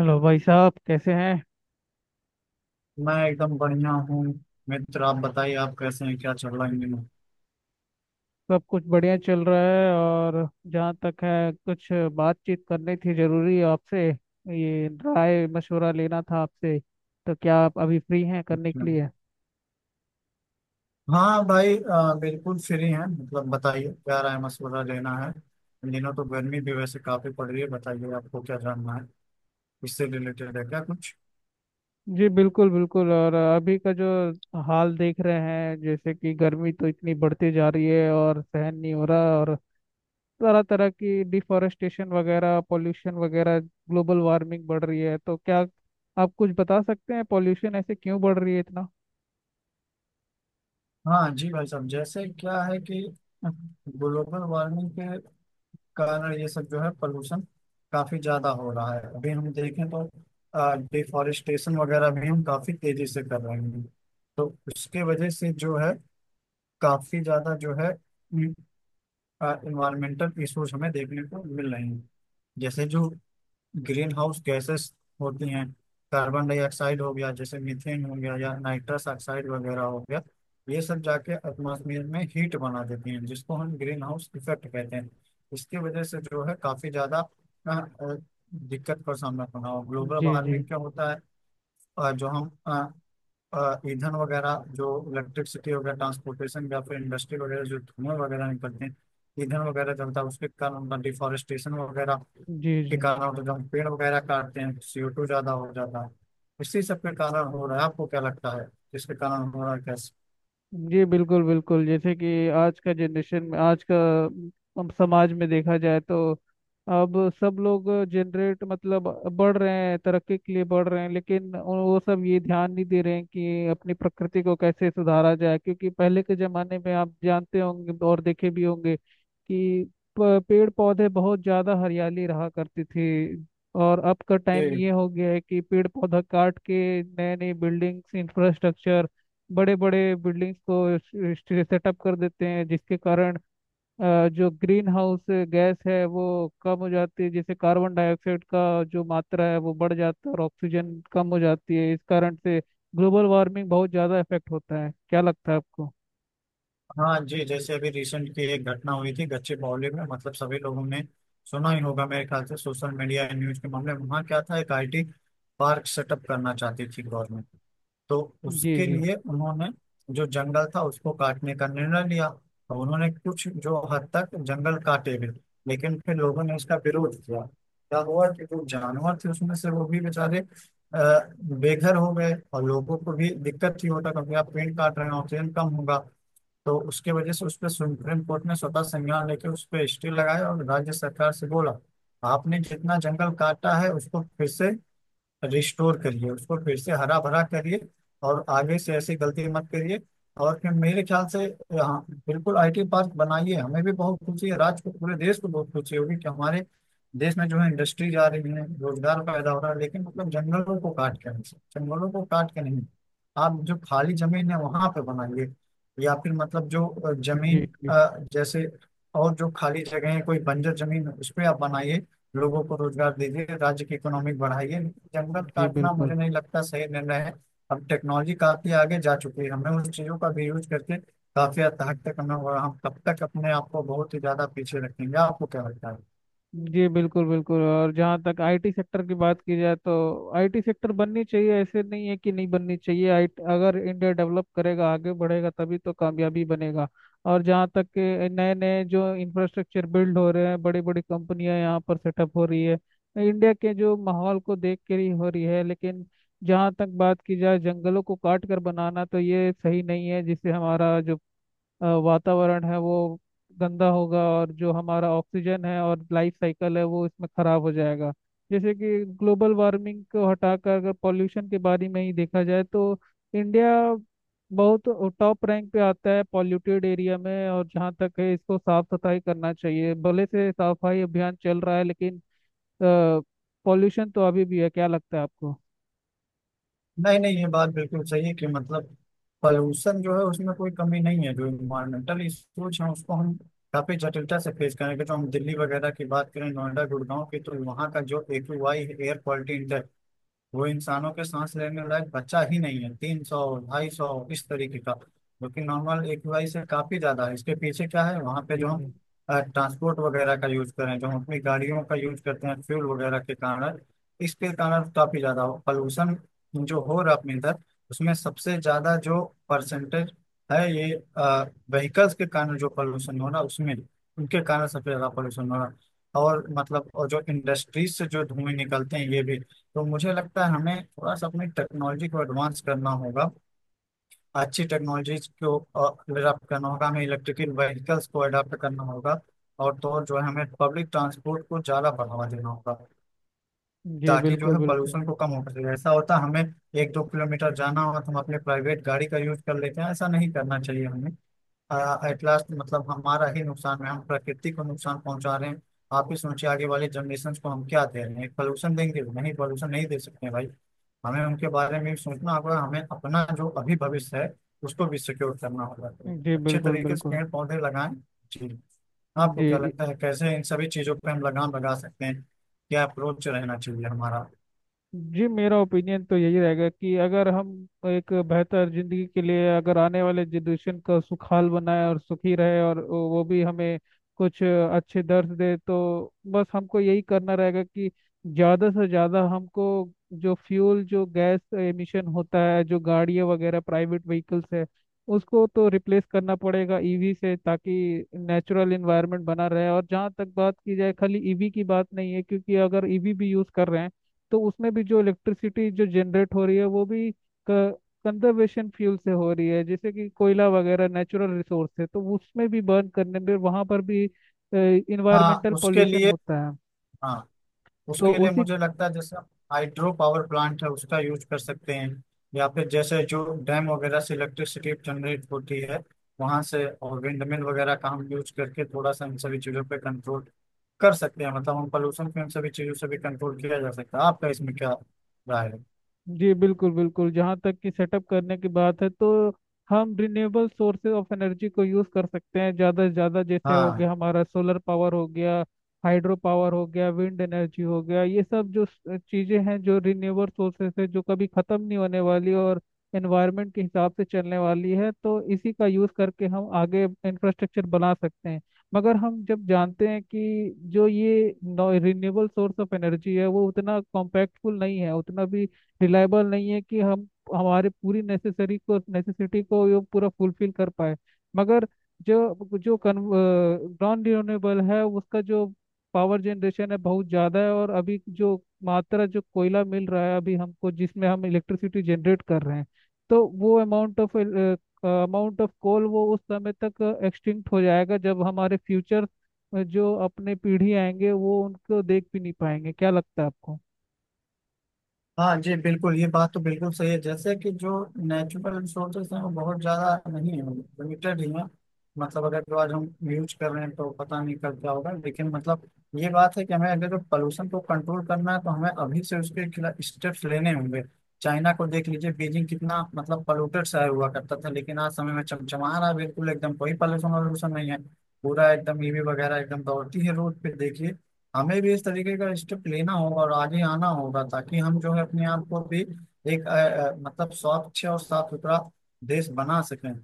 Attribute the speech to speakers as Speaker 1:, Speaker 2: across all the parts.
Speaker 1: Hello भाई साहब कैसे हैं।
Speaker 2: मैं एकदम बढ़िया हूँ। मित्र, आप बताइए, आप कैसे हैं? क्या चल रहा है इन दिनों?
Speaker 1: सब कुछ बढ़िया चल रहा है। और जहाँ तक है कुछ बातचीत करनी थी जरूरी आपसे। ये राय मशवरा लेना था आपसे। तो क्या आप अभी फ्री हैं करने के
Speaker 2: अच्छा।
Speaker 1: लिए?
Speaker 2: हाँ भाई, बिल्कुल फ्री हैं। मतलब बताइए, क्या राय मशवरा लेना है? इन दिनों तो गर्मी भी वैसे काफी पड़ रही है। बताइए, आपको क्या जानना है? इससे रिलेटेड है क्या कुछ?
Speaker 1: जी बिल्कुल बिल्कुल। और अभी का जो हाल देख रहे हैं जैसे कि गर्मी तो इतनी बढ़ती जा रही है और सहन नहीं हो रहा। और तरह तरह की डिफॉरेस्टेशन वगैरह, पॉल्यूशन वगैरह, ग्लोबल वार्मिंग बढ़ रही है। तो क्या आप कुछ बता सकते हैं पॉल्यूशन ऐसे क्यों बढ़ रही है इतना?
Speaker 2: हाँ जी भाई साहब, जैसे क्या है कि ग्लोबल वार्मिंग के कारण ये सब जो है पोल्यूशन काफी ज्यादा हो रहा है। अभी हम देखें तो डिफॉरेस्टेशन वगैरह भी हम काफी तेजी से कर रहे हैं, तो उसके वजह से जो है काफी ज्यादा जो है इन्वायरमेंटल इश्यूज हमें देखने को मिल रहे हैं। जैसे जो ग्रीन हाउस गैसेस होती हैं, कार्बन डाइऑक्साइड हो गया, जैसे मीथेन हो गया या नाइट्रस ऑक्साइड वगैरह हो गया, ये सब जाके एटमॉस्फेयर में हीट बना देती हैं जिसको हम ग्रीन हाउस इफेक्ट कहते हैं। इसकी वजह से जो है काफी ज्यादा दिक्कत का सामना करना हो, ग्लोबल
Speaker 1: जी जी।
Speaker 2: वार्मिंग क्या होता है। जो हम ईंधन वगैरह जो इलेक्ट्रिसिटी वगैरह ट्रांसपोर्टेशन या फिर इंडस्ट्री वगैरह जो धुएं वगैरह निकलते हैं, ईंधन वगैरह जलता है उसके कारण, उनका डिफॉरेस्टेशन वगैरह
Speaker 1: जी
Speaker 2: के
Speaker 1: जी।
Speaker 2: कारण होता है। जब हम पेड़ वगैरह काटते हैं CO2 ज्यादा हो जाता है। इसी सब के कारण हो रहा है। आपको क्या लगता है, जिसके कारण हो रहा है, कैसे?
Speaker 1: जी बिल्कुल बिल्कुल। जैसे कि आज का जनरेशन में, आज का समाज में देखा जाए तो अब सब लोग जनरेट मतलब बढ़ रहे हैं, तरक्की के लिए बढ़ रहे हैं, लेकिन वो सब ये ध्यान नहीं दे रहे हैं कि अपनी प्रकृति को कैसे सुधारा जाए। क्योंकि पहले के जमाने में आप जानते होंगे और देखे भी होंगे कि पेड़ पौधे बहुत ज्यादा हरियाली रहा करती थी। और अब का टाइम
Speaker 2: जी
Speaker 1: ये हो गया है कि पेड़ पौधा काट के नए नए बिल्डिंग्स, इंफ्रास्ट्रक्चर, बड़े बड़े बिल्डिंग्स को सेटअप कर देते हैं। जिसके कारण जो ग्रीन हाउस गैस है वो कम हो जाती है। जैसे कार्बन डाइऑक्साइड का जो मात्रा है वो बढ़ जाता है और ऑक्सीजन कम हो जाती है। इस कारण से ग्लोबल वार्मिंग बहुत ज़्यादा इफेक्ट होता है। क्या लगता है आपको?
Speaker 2: हाँ जी, जैसे अभी रिसेंट की एक घटना हुई थी गच्चीबौली में, मतलब सभी लोगों ने सुना ही होगा मेरे ख्याल से, सोशल मीडिया न्यूज के मामले में। वहाँ क्या था, एक IT पार्क सेटअप करना चाहती थी गवर्नमेंट, तो
Speaker 1: जी
Speaker 2: उसके
Speaker 1: जी।
Speaker 2: लिए उन्होंने जो जंगल था उसको काटने का निर्णय लिया, और उन्होंने कुछ जो हद तक जंगल काटे भी, लेकिन फिर लोगों ने इसका विरोध किया। क्या हुआ कि जो जानवर थे उसमें से वो भी बेचारे बेघर हो गए, और लोगों को भी दिक्कत ही होता, क्योंकि आप पेड़ काट रहे हैं, ऑक्सीजन कम होगा। तो उसके वजह से उस पर सुप्रीम कोर्ट ने स्वतः संज्ञान लेके उस पर स्टे लगाया और राज्य सरकार से बोला, आपने जितना जंगल काटा है उसको फिर से रिस्टोर करिए, उसको फिर से हरा भरा करिए, और आगे से ऐसी गलती मत करिए। और फिर मेरे ख्याल से, हाँ बिल्कुल आईटी पार्क बनाइए, हमें भी बहुत खुशी है, राज्य को पूरे देश को बहुत खुशी होगी कि हमारे देश में जो है इंडस्ट्री जा रही है, रोजगार पैदा हो रहा है, लेकिन मतलब जंगलों को काट के नहीं, जंगलों को काट के नहीं। आप जो खाली जमीन है वहां पे बनाइए, या फिर मतलब जो
Speaker 1: जी
Speaker 2: जमीन
Speaker 1: जी।
Speaker 2: जैसे, और जो खाली जगह है कोई बंजर जमीन है उस पर आप बनाइए, लोगों को रोजगार दीजिए, राज्य की इकोनॉमिक बढ़ाइए, लेकिन जंगल
Speaker 1: जी
Speaker 2: काटना
Speaker 1: बिल्कुल।
Speaker 2: मुझे नहीं लगता सही निर्णय है। अब टेक्नोलॉजी काफी आगे जा चुकी है, हमें उस चीजों का भी यूज करके काफी हद हद तक हमें, और हम तब तक अपने आप को बहुत ही ज्यादा पीछे रखेंगे। आपको क्या लगता है?
Speaker 1: जी बिल्कुल बिल्कुल। और जहाँ तक आईटी सेक्टर की बात की जाए तो आईटी सेक्टर बननी चाहिए। ऐसे नहीं है कि नहीं बननी चाहिए। आई अगर इंडिया डेवलप करेगा, आगे बढ़ेगा, तभी तो कामयाबी बनेगा। और जहाँ तक के नए नए जो इंफ्रास्ट्रक्चर बिल्ड हो रहे हैं, बड़ी बड़ी कंपनियां यहाँ पर सेटअप हो रही है, इंडिया के जो माहौल को देख कर ही हो रही है। लेकिन जहाँ तक बात की जाए जंगलों को काट कर बनाना, तो ये सही नहीं है। जिससे हमारा जो वातावरण है वो गंदा होगा और जो हमारा ऑक्सीजन है और लाइफ साइकिल है वो इसमें खराब हो जाएगा। जैसे कि ग्लोबल वार्मिंग को हटाकर अगर पॉल्यूशन के बारे में ही देखा जाए तो इंडिया बहुत टॉप रैंक पे आता है पॉल्यूटेड एरिया में। और जहाँ तक है इसको साफ सफाई करना चाहिए। भले से साफ सफाई अभियान चल रहा है, लेकिन पॉल्यूशन तो अभी भी है। क्या लगता है आपको?
Speaker 2: नहीं नहीं, ये बात बिल्कुल सही है कि मतलब पॉल्यूशन जो है उसमें कोई कमी नहीं है। जो इन्वायरमेंटल इश्यूज हैं उसको हम काफी जटिलता से फेस करेंगे। जो हम दिल्ली वगैरह की बात करें, नोएडा, गुड़गांव की, तो वहाँ का जो AQI एयर क्वालिटी, वो इंसानों के सांस लेने लायक बच्चा ही नहीं है, 300, 250, इस तरीके का, जो कि नॉर्मल एक वाई से काफी ज्यादा है। इसके पीछे क्या है, वहाँ पे
Speaker 1: जी
Speaker 2: जो हम
Speaker 1: जी।
Speaker 2: ट्रांसपोर्ट वगैरह का यूज करें, जो हम अपनी गाड़ियों का यूज करते हैं, फ्यूल वगैरह के कारण, इसके कारण काफी ज्यादा पॉल्यूशन जो हो रहा है अपने इधर, उसमें सबसे ज्यादा जो परसेंटेज है, ये व्हीकल्स के कारण जो पॉल्यूशन हो रहा है, उसमें उनके कारण सबसे ज्यादा पॉल्यूशन हो रहा है। और मतलब, और जो इंडस्ट्रीज से जो धुएं निकलते हैं, ये भी। तो मुझे लगता है हमें थोड़ा सा अपनी टेक्नोलॉजी को एडवांस करना होगा, अच्छी टेक्नोलॉजीज को अडॉप्ट करना होगा, हमें इलेक्ट्रिकल व्हीकल्स को अडॉप्ट करना होगा, और तो और जो है, हमें पब्लिक ट्रांसपोर्ट को ज़्यादा बढ़ावा देना होगा
Speaker 1: जी
Speaker 2: ताकि जो
Speaker 1: बिल्कुल
Speaker 2: है
Speaker 1: बिल्कुल।
Speaker 2: पोल्यूशन को कम हो सके। ऐसा होता है हमें एक दो किलोमीटर जाना हो तो हम अपने प्राइवेट गाड़ी का यूज कर लेते हैं, ऐसा नहीं करना चाहिए हमें। एट लास्ट, मतलब हमारा ही नुकसान है, हम प्रकृति को नुकसान पहुंचा रहे हैं। आप ही सोचिए, आगे वाले जनरेशन को हम क्या दे रहे हैं? पोल्यूशन देंगे? नहीं, पोल्यूशन नहीं दे सकते हैं भाई। हमें उनके बारे में भी सोचना होगा, हमें अपना जो अभी भविष्य है उसको भी सिक्योर करना होगा, तो
Speaker 1: जी
Speaker 2: अच्छे
Speaker 1: बिल्कुल
Speaker 2: तरीके से
Speaker 1: बिल्कुल।
Speaker 2: पेड़ पौधे लगाएं। जी। आपको क्या
Speaker 1: जी।
Speaker 2: लगता है, कैसे इन सभी चीजों पर हम लगाम लगा सकते हैं? क्या अप्रोच रहना चाहिए हमारा?
Speaker 1: जी मेरा ओपिनियन तो यही रहेगा कि अगर हम एक बेहतर जिंदगी के लिए, अगर आने वाले जनरेशन का सुखाल बनाए और सुखी रहे और वो भी हमें कुछ अच्छे दर्श दे, तो बस हमको यही करना रहेगा कि ज़्यादा से ज़्यादा हमको जो फ्यूल, जो गैस एमिशन होता है, जो गाड़ियाँ वगैरह प्राइवेट व्हीकल्स है, उसको तो रिप्लेस करना पड़ेगा ईवी से, ताकि नेचुरल इन्वायरमेंट बना रहे। और जहाँ तक बात की जाए खाली ईवी की बात नहीं है, क्योंकि अगर ईवी भी यूज़ कर रहे हैं तो उसमें भी जो इलेक्ट्रिसिटी जो जनरेट हो रही है वो भी कंजर्वेशन फ्यूल से हो रही है। जैसे कि कोयला वगैरह नेचुरल रिसोर्स है, तो उसमें भी बर्न करने में वहाँ पर भी
Speaker 2: हाँ
Speaker 1: इन्वायरमेंटल
Speaker 2: उसके
Speaker 1: पोल्यूशन
Speaker 2: लिए
Speaker 1: होता है।
Speaker 2: हाँ,
Speaker 1: तो
Speaker 2: उसके लिए
Speaker 1: उसी।
Speaker 2: मुझे लगता है, जैसे हाइड्रो पावर प्लांट है उसका यूज कर सकते हैं, या फिर जैसे जो डैम वगैरह से इलेक्ट्रिसिटी जनरेट होती है वहां से, और विंडमिल वगैरह का हम यूज करके थोड़ा सा इन सभी चीजों पे कंट्रोल कर सकते हैं। मतलब हम पोल्यूशन पे इन सभी चीजों से भी कंट्रोल किया जा सकता है। आपका इसमें क्या राय है?
Speaker 1: जी बिल्कुल बिल्कुल। जहाँ तक कि सेटअप करने की बात है तो हम रिन्यूएबल सोर्सेज ऑफ एनर्जी को यूज़ कर सकते हैं ज़्यादा से ज़्यादा। जैसे हो
Speaker 2: हाँ।
Speaker 1: गया हमारा सोलर पावर हो गया, हाइड्रो पावर हो गया, विंड एनर्जी हो गया। ये सब जो चीज़ें हैं जो रिन्यूएबल सोर्सेज है, जो कभी ख़त्म नहीं होने वाली और एनवायरनमेंट के हिसाब से चलने वाली है, तो इसी का यूज़ करके हम आगे इंफ्रास्ट्रक्चर बना सकते हैं। मगर हम जब जानते हैं कि जो ये रिन्यूएबल सोर्स ऑफ एनर्जी है वो उतना कॉम्पैक्टफुल नहीं है, उतना भी रिलायबल नहीं है कि हम हमारे पूरी नेसेसरी को, नेसेसिटी को ये पूरा फुलफिल कर पाए। मगर जो जो कन नॉन रिन्यूएबल है उसका जो पावर जनरेशन है बहुत ज़्यादा है। और अभी जो मात्रा, जो कोयला मिल रहा है अभी हमको, जिसमें हम इलेक्ट्रिसिटी जनरेट कर रहे हैं, तो वो amount of, amount of coal वो उस समय तक एक्सटिंक्ट हो जाएगा जब हमारे फ्यूचर जो अपने पीढ़ी आएंगे वो उनको देख भी नहीं पाएंगे। क्या लगता है आपको?
Speaker 2: हाँ जी बिल्कुल, ये बात तो बिल्कुल सही है, जैसे कि जो नेचुरल रिसोर्सेज हैं वो बहुत ज़्यादा नहीं है, लिमिटेड ही हैं। मतलब अगर जो आज हम यूज कर रहे हैं तो पता नहीं कब क्या होगा, लेकिन मतलब ये बात है कि हमें अगर जो पोल्यूशन को कंट्रोल करना है तो हमें अभी से उसके खिलाफ स्टेप्स लेने होंगे। चाइना को देख लीजिए, बीजिंग कितना मतलब पोल्यूटेड शहर हुआ करता था, लेकिन आज समय में चमचमा रहा है, बिल्कुल एकदम कोई पोल्यूशन वोल्यूशन नहीं है। पूरा एकदम EV वगैरह एकदम दौड़ती है रोड पे, देखिए। हमें भी इस तरीके का स्टेप लेना होगा और आगे आना होगा ताकि हम जो है अपने आप को भी एक मतलब स्वच्छ और साफ सुथरा देश बना सकें।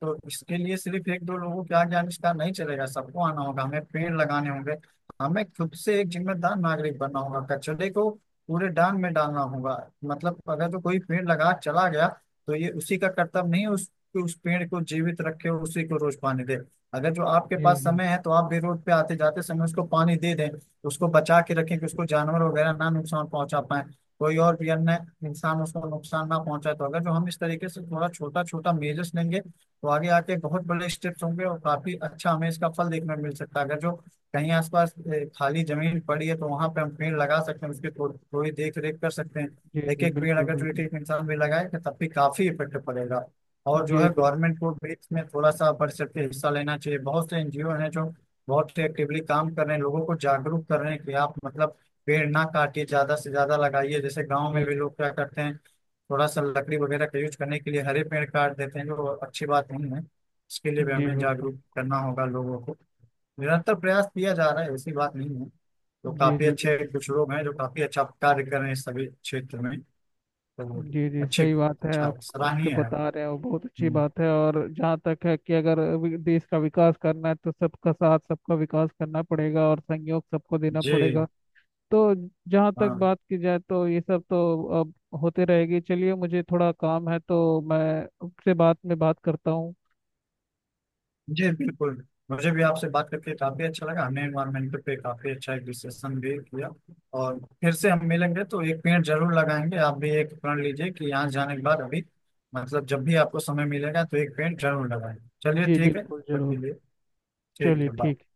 Speaker 2: तो इसके लिए सिर्फ एक दो लोगों के आगे आविष्कार नहीं चलेगा, सबको आना होगा, हमें पेड़ लगाने होंगे, हमें खुद से एक जिम्मेदार नागरिक बनना होगा, कचरे को पूरे डांग में डालना होगा। मतलब अगर तो कोई पेड़ लगा चला गया तो ये उसी का कर्तव्य नहीं है, उस पेड़ को जीवित रखे, उसी को रोज पानी दे। अगर जो आपके
Speaker 1: जी
Speaker 2: पास
Speaker 1: जी।
Speaker 2: समय है तो आप भी रोड पे आते जाते समय उसको पानी दे दें, उसको बचा के रखें कि उसको जानवर वगैरह ना नुकसान पहुंचा पाए, कोई और भी अन्य इंसान उसको नुकसान ना पहुंचाए। तो अगर जो हम इस तरीके से थोड़ा छोटा छोटा मेजर्स लेंगे तो आगे आके बहुत बड़े स्टेप्स होंगे और काफी अच्छा हमें इसका फल देखने को मिल सकता है। अगर जो कहीं आसपास खाली जमीन पड़ी है तो वहां पे हम पेड़ लगा सकते हैं, उसकी थोड़ी देख रेख कर सकते हैं।
Speaker 1: जी
Speaker 2: एक
Speaker 1: जी
Speaker 2: एक पेड़
Speaker 1: बिल्कुल
Speaker 2: अगर जो एक
Speaker 1: बिल्कुल।
Speaker 2: एक इंसान भी लगाएगा तब भी काफी इफेक्ट पड़ेगा। और जो
Speaker 1: जी
Speaker 2: है
Speaker 1: बिल्कुल।
Speaker 2: गवर्नमेंट को भी इसमें थोड़ा सा बढ़ सकते हिस्सा लेना चाहिए। बहुत से NGO हैं जो बहुत एक्टिवली काम कर रहे हैं, लोगों को जागरूक कर रहे हैं कि आप मतलब पेड़ ना काटिए, ज्यादा से ज्यादा लगाइए। जैसे गांव में
Speaker 1: जी
Speaker 2: भी लोग क्या करते हैं, थोड़ा सा लकड़ी वगैरह का यूज करने के लिए हरे पेड़ काट देते हैं, जो अच्छी बात नहीं है। इसके लिए भी
Speaker 1: जी
Speaker 2: हमें
Speaker 1: बिल्कुल
Speaker 2: जागरूक
Speaker 1: बिल्कुल।
Speaker 2: करना होगा लोगों को। निरंतर प्रयास किया जा रहा है, ऐसी बात नहीं है, तो
Speaker 1: जी
Speaker 2: काफी
Speaker 1: जी
Speaker 2: अच्छे
Speaker 1: बिल्कुल
Speaker 2: कुछ
Speaker 1: बिल्कुल।
Speaker 2: लोग हैं जो काफी अच्छा कार्य कर रहे हैं इस सभी क्षेत्र में। तो
Speaker 1: जी जी
Speaker 2: अच्छी,
Speaker 1: सही बात है।
Speaker 2: अच्छा
Speaker 1: आप जो
Speaker 2: सराहनीय है।
Speaker 1: बता रहे हैं वो बहुत अच्छी
Speaker 2: हम्म,
Speaker 1: बात है। और जहाँ तक है कि अगर देश का विकास करना है तो सबका साथ सबका विकास करना पड़ेगा और सहयोग सबको देना
Speaker 2: जी।
Speaker 1: पड़ेगा। तो जहाँ तक
Speaker 2: हाँ
Speaker 1: बात की जाए तो ये सब तो अब होते रहेगी। चलिए मुझे थोड़ा काम है, तो मैं आपसे बात में बात करता हूँ।
Speaker 2: जी बिल्कुल, मुझे भी आपसे बात करके काफी अच्छा लगा, हमने एनवायरमेंट पे काफी अच्छा एक डिस्कशन भी किया, और फिर से हम मिलेंगे तो एक पेड़ जरूर लगाएंगे। आप भी एक प्रण लीजिए कि यहाँ जाने के बाद अभी मतलब जब भी आपको समय मिलेगा तो एक पेड़ जरूर लगाएंगे। चलिए
Speaker 1: जी
Speaker 2: ठीक है,
Speaker 1: बिल्कुल
Speaker 2: तब तक के
Speaker 1: जरूर।
Speaker 2: लिए ठीक
Speaker 1: चलिए
Speaker 2: है,
Speaker 1: ठीक।
Speaker 2: बाय।